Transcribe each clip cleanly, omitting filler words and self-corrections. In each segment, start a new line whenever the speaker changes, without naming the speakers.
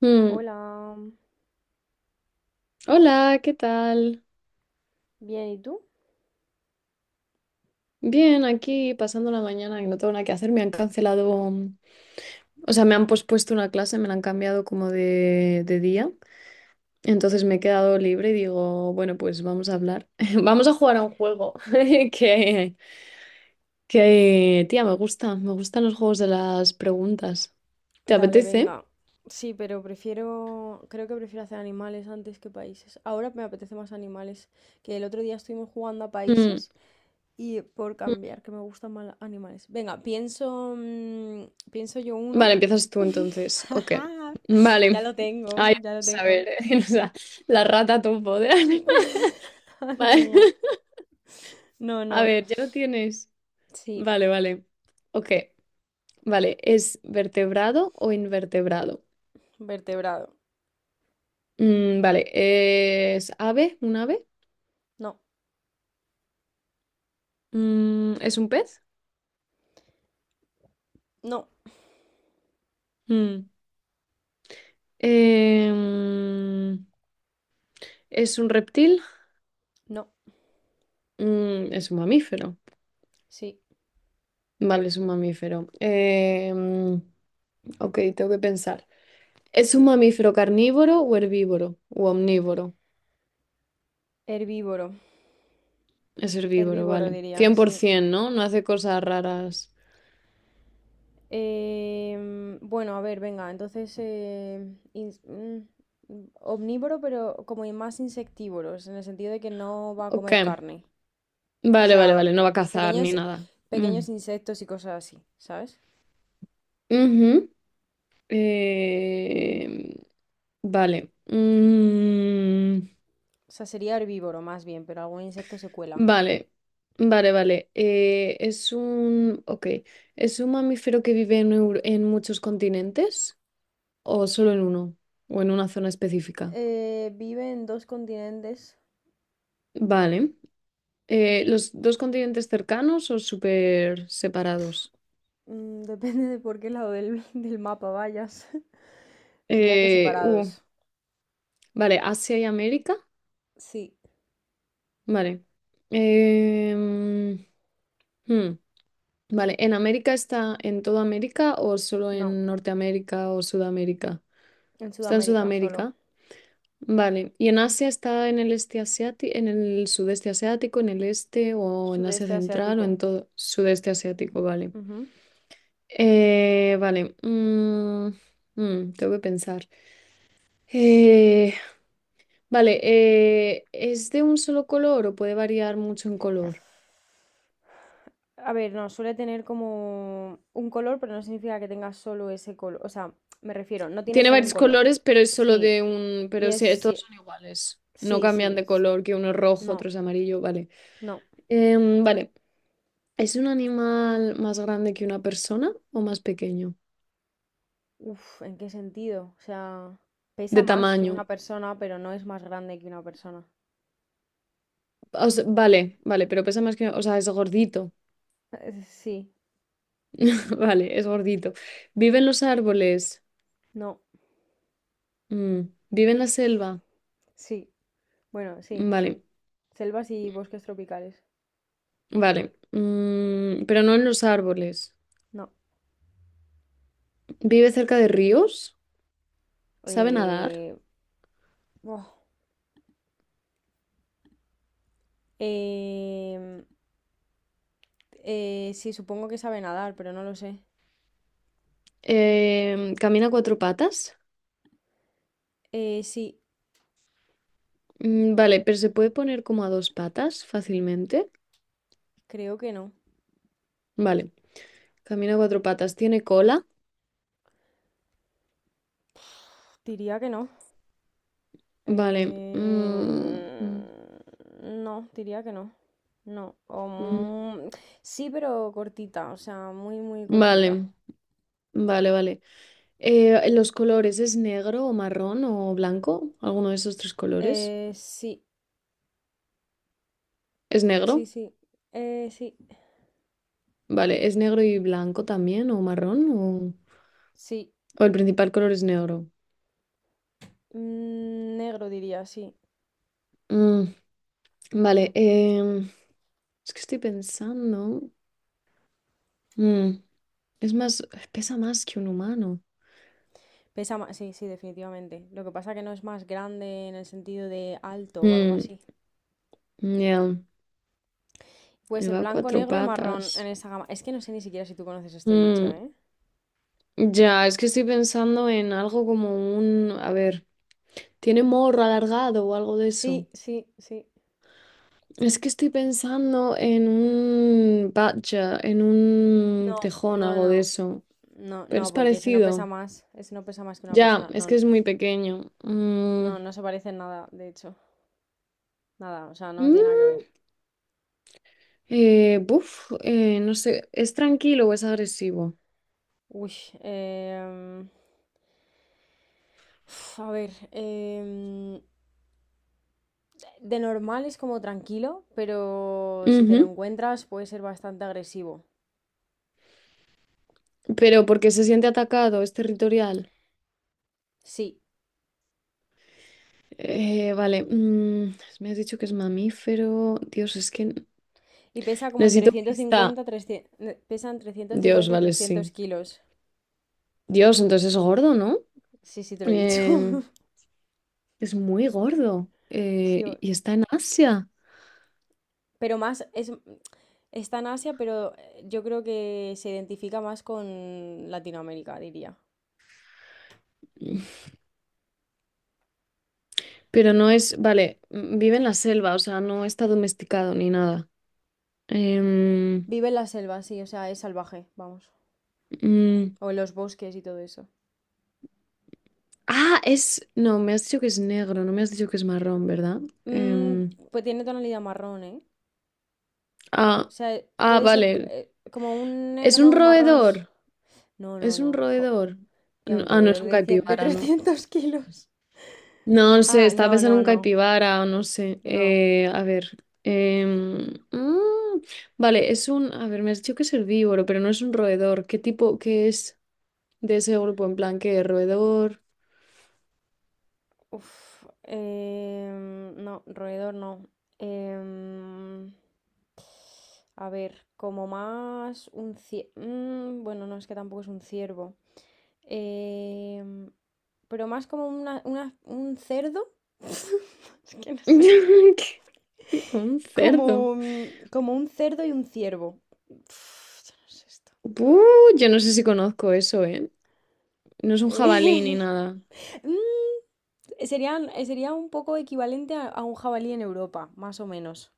Mm.
Hola,
Hola, ¿qué tal?
bien, ¿y tú?
Bien, aquí pasando la mañana que no tengo nada que hacer. Me han cancelado, o sea, me han pospuesto una clase, me la han cambiado como de día. Entonces me he quedado libre y digo, bueno, pues vamos a hablar. Vamos a jugar a un juego que, que, tía, me gusta. Me gustan los juegos de las preguntas. ¿Te
Dale,
apetece?
venga. Sí, pero prefiero, creo que prefiero hacer animales antes que países. Ahora me apetece más animales, que el otro día estuvimos jugando a
Mm,
países y por
mm.
cambiar, que me gustan más animales. Venga, pienso, pienso yo uno.
Vale, empiezas tú entonces. Ok.
Ya
Vale.
lo tengo,
Ay,
ya lo
vamos a
tengo.
ver, o sea, la rata topo de
Madre
Vale.
mía. No,
A
no.
ver, ya lo tienes.
Sí,
Vale, vale. Ok, vale. ¿Es vertebrado o invertebrado?
vertebrado.
Mm, vale, ¿es ave? ¿Un ave?
No,
Mm, ¿es un pez?
no,
Mm. Em, ¿Es un reptil?
no.
Mm, es un mamífero.
Sí,
Vale, es un mamífero. Ok, tengo que pensar. ¿Es un
sí.
mamífero carnívoro o herbívoro? ¿O omnívoro?
Herbívoro.
Es herbívoro,
Herbívoro
vale.
diría, sí.
100%, ¿no? No hace cosas raras.
Bueno, a ver, venga, entonces omnívoro, pero como y más insectívoros, en el sentido de que no va a
Ok.
comer carne. O
Vale, vale,
sea,
vale, no va a cazar ni
pequeños,
nada. Mm.
pequeños insectos y cosas así, ¿sabes?
Ujú. Eh, Vale.
O sea, sería herbívoro más bien, pero algún insecto se cuela.
Vale, vale, vale. Es un... Ok. ¿Es un mamífero que vive en, en muchos continentes o solo en uno o en una zona específica?
Vive en dos continentes,
Vale. ¿Los dos continentes cercanos o súper separados?
mm, depende de por qué lado del mapa vayas. Diría que
Eh, uh,
separados.
vale, Asia y América.
Sí,
Vale. Em, hmm. Vale, ¿en América está en toda América o solo
no,
en Norteamérica o Sudamérica?
en
Está en
Sudamérica solo.
Sudamérica. Vale, ¿y en Asia está en el este asiático, en el sudeste asiático, en el este o en Asia
Sudeste
Central o
asiático.
en todo sudeste asiático? Vale.
Ujú.
Eh, vale, mm, tengo que pensar. Eh, vale, ¿es de un solo color o puede variar mucho en color?
A ver, no, suele tener como un color, pero no significa que tenga solo ese color. O sea, me refiero, no tiene
Tiene
solo un
varios
color.
colores, pero es solo
Sí,
de un.
y
Pero
es
sí, todos
sí,
son iguales. No
sí,
cambian
sí.
de color, que uno es rojo,
No,
otro es amarillo, vale.
no.
Em, vale. ¿Es un animal más grande que una persona o más pequeño?
Uf, ¿en qué sentido? O sea, pesa
De
más que una
tamaño.
persona, pero no es más grande que una persona.
O sea, vale, vale, pero pesa más que. O sea, es gordito.
Sí,
Vale, es gordito. ¿Vive en los árboles?
no,
Mm. ¿Vive en la selva?
sí. Bueno, sí,
Mm, vale,
sí. Selvas y bosques tropicales.
vale. Mm, pero no en los árboles.
No.
¿Vive cerca de ríos? ¿Sabe nadar?
Eh, buah. Em, sí, supongo que sabe nadar, pero no lo sé.
¿Camina a cuatro patas?
Sí,
Mm, vale, pero se puede poner como a dos patas fácilmente.
creo que no.
Vale, camina a cuatro patas, tiene cola.
Diría que no.
Vale.
Eh, no, diría que no. No.
Mm,
Sí, pero cortita, o sea, muy, muy cortita.
Vale, vale, vale. ¿Los colores es negro o marrón o blanco? ¿Alguno de esos tres colores?
Sí,
¿Es
sí,
negro?
sí. Sí,
Vale, ¿es negro y blanco también o marrón?
sí.
O el principal color es negro?
Mm, negro diría, sí.
Mm, Vale, es que estoy pensando. Mm, es más, pesa más que un humano.
Pesa más, sí, sí, definitivamente. Lo que pasa que no es más grande en el sentido de alto o algo
Mm,
así.
ya.
Puede ser
Lleva
blanco,
cuatro
negro y marrón en
patas.
esa gama. Es que no sé ni siquiera si tú conoces este bicho,
Mm,
¿eh?
ya, es que estoy pensando en algo como un... A ver, ¿tiene morro alargado o algo de eso?
Sí, sí, sí.
Es que estoy pensando en un badger, en un
No,
tejón,
no,
algo de
no.
eso.
No,
Pero
no,
es
porque ese no pesa
parecido.
más. Ese no pesa más que una
Ya,
persona.
es que
No,
es muy pequeño.
no, no se parece en nada, de hecho. Nada, o sea, no tiene nada que
Mm,
ver.
no sé, ¿es tranquilo o es agresivo?
Uy, em, a ver, de normal es como tranquilo, pero si te lo
Ujú,
encuentras puede ser bastante agresivo.
pero porque se siente atacado, es territorial.
Sí,
Vale, me has dicho que es mamífero. Dios, es que
y pesa como entre
necesito pista.
150, 300, pesa entre ciento
Dios,
cincuenta y
vale,
300
sí.
kilos.
Dios, entonces es gordo, ¿no?
Sí, sí, te lo he dicho.
Eh, es muy gordo.
Sí,
Y está en Asia.
pero más, está en Asia, pero yo creo que se identifica más con Latinoamérica, diría.
Pero no es, vale, vive en la selva, o sea, no está domesticado ni nada. Em,
Vive en la selva, sí, o sea, es salvaje, vamos.
mm,
O en los bosques y todo eso.
ah, es, no, me has dicho que es negro, no me has dicho que es marrón, ¿verdad?
Mm,
Em,
pues tiene tonalidad marrón, ¿eh? O
ah,
sea,
ah,
puede ser
vale.
como un
Es un
negro marrón.
roedor.
No, no,
¿Es
no.
un roedor?
Tía, un
Ah, no es
roedor
un
de
caipibara, no.
300 kilos.
No, no sé,
Ah,
estaba
no,
pensando en
no,
un
no.
caipibara o no sé.
No.
A ver. em, mm, vale, es un. A ver, me has dicho que es herbívoro, pero no es un roedor. ¿Qué es de ese grupo? En plan, ¿qué roedor?
No, roedor no. Em, a ver, como más un ciervo. Bueno, no, es que tampoco es un ciervo. Em, pero más como un cerdo. Es que no sé.
¿Qué? Como un
Como,
cerdo.
como un cerdo y un ciervo. Uf, yo no sé esto.
Buh, yo no sé si conozco eso, ¿eh? No es un jabalí ni
Mm,
nada.
sería un poco equivalente a un jabalí en Europa, más o menos.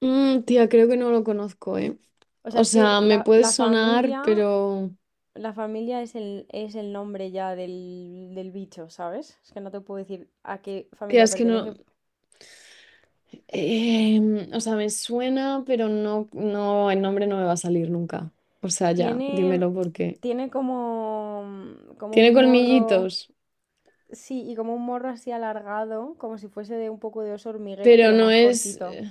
Mm, tía, creo que no lo conozco, ¿eh?
O sea,
O
es que
sea, me puede sonar, pero...
la familia es es el nombre ya del bicho, ¿sabes? Es que no te puedo decir a qué
Tía,
familia
es que no,
pertenece.
O sea, me suena, pero el nombre no me va a salir nunca. O sea, ya,
Tiene,
dímelo porque.
tiene como, como
Tiene
un morro,
colmillitos,
sí, y como un morro así alargado, como si fuese de un poco de oso hormiguero,
pero
pero
no
más
es.
cortito.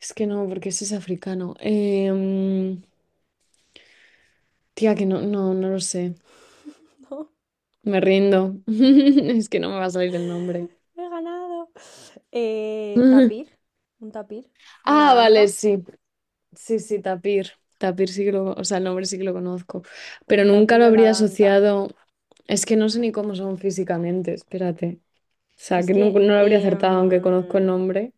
Es que no, porque ese es africano. Tía, que no lo sé.
¡No!
Me rindo. Es que no me va a salir el nombre.
¡He ganado! Eh, tapir, un tapir, una
Ah, vale,
danta,
sí. Sí, sí, tapir. Tapir sí que lo, o sea, el nombre sí que lo conozco. Pero
un
nunca
tapir
lo
o la
habría
danta.
asociado. Es que no sé ni cómo son físicamente, espérate. O sea,
Es
que
que
no, lo habría acertado, aunque conozco el
em,
nombre.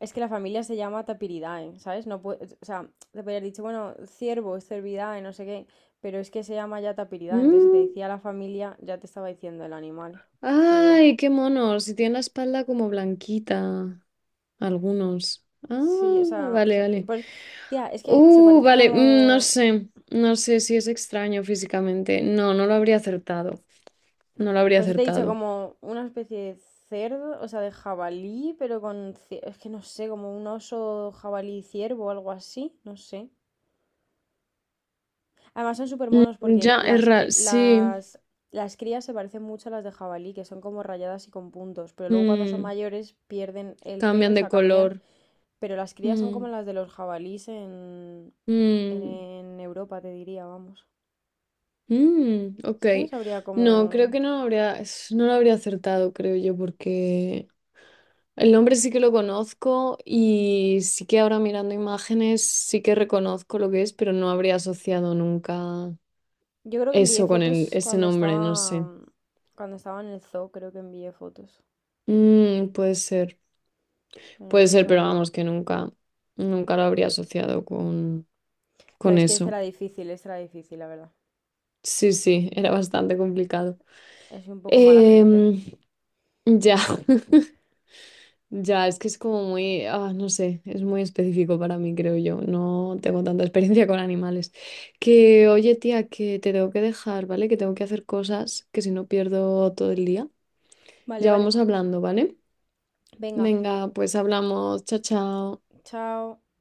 Es que la familia se llama Tapiridae, ¿sabes? No puede, o sea, te podrías dicho, bueno, ciervo, cervidae, no sé qué, pero es que se llama ya Tapiridae, entonces si te
Mm,
decía la familia, ya te estaba diciendo el animal que era.
ay, qué monos. Y tiene la espalda como blanquita. Algunos. Ah,
Sí, o sea,
vale, vale.
pues, tía, es que se parece
Vale. No
como,
sé. No sé si es extraño físicamente. No, no lo habría acertado. No lo habría
pues te he dicho,
acertado.
como una especie de cerdo, o sea, de jabalí, pero es que no sé, como un oso jabalí ciervo o algo así, no sé. Además son súper monos
Mm,
porque
ya, es raro. Sí.
las crías se parecen mucho a las de jabalí, que son como rayadas y con puntos, pero luego cuando son
Mm,
mayores pierden el pelo,
cambian de
se cambian,
color.
pero las crías son
Mm,
como las de los jabalís
mm.
en Europa, te diría, vamos.
Ok.
Es que no sabría
No, creo
cómo...
que no habría, no lo habría acertado, creo yo, porque el nombre sí que lo conozco y sí que ahora mirando imágenes sí que reconozco lo que es, pero no habría asociado nunca
Yo creo que envié
eso con el,
fotos
ese nombre, no sé.
cuando estaba en el zoo, creo que envié fotos,
Mm,
pero no
puede
estoy
ser, pero
segura.
vamos, que nunca, nunca lo habría asociado
No,
con
es que
eso.
esta era difícil, la verdad.
Sí, sí, era bastante complicado.
Es un poco mala gente.
Em, ya. Ya, es que es como muy, ah, no sé, es muy específico para mí, creo yo. No tengo tanta experiencia con animales. Que, oye, tía, que te tengo que dejar, ¿vale? Que tengo que hacer cosas, que si no pierdo todo el día.
Vale,
Ya
vale.
vamos hablando, ¿vale?
Venga,
Venga, pues hablamos. Chao, chao.
chao.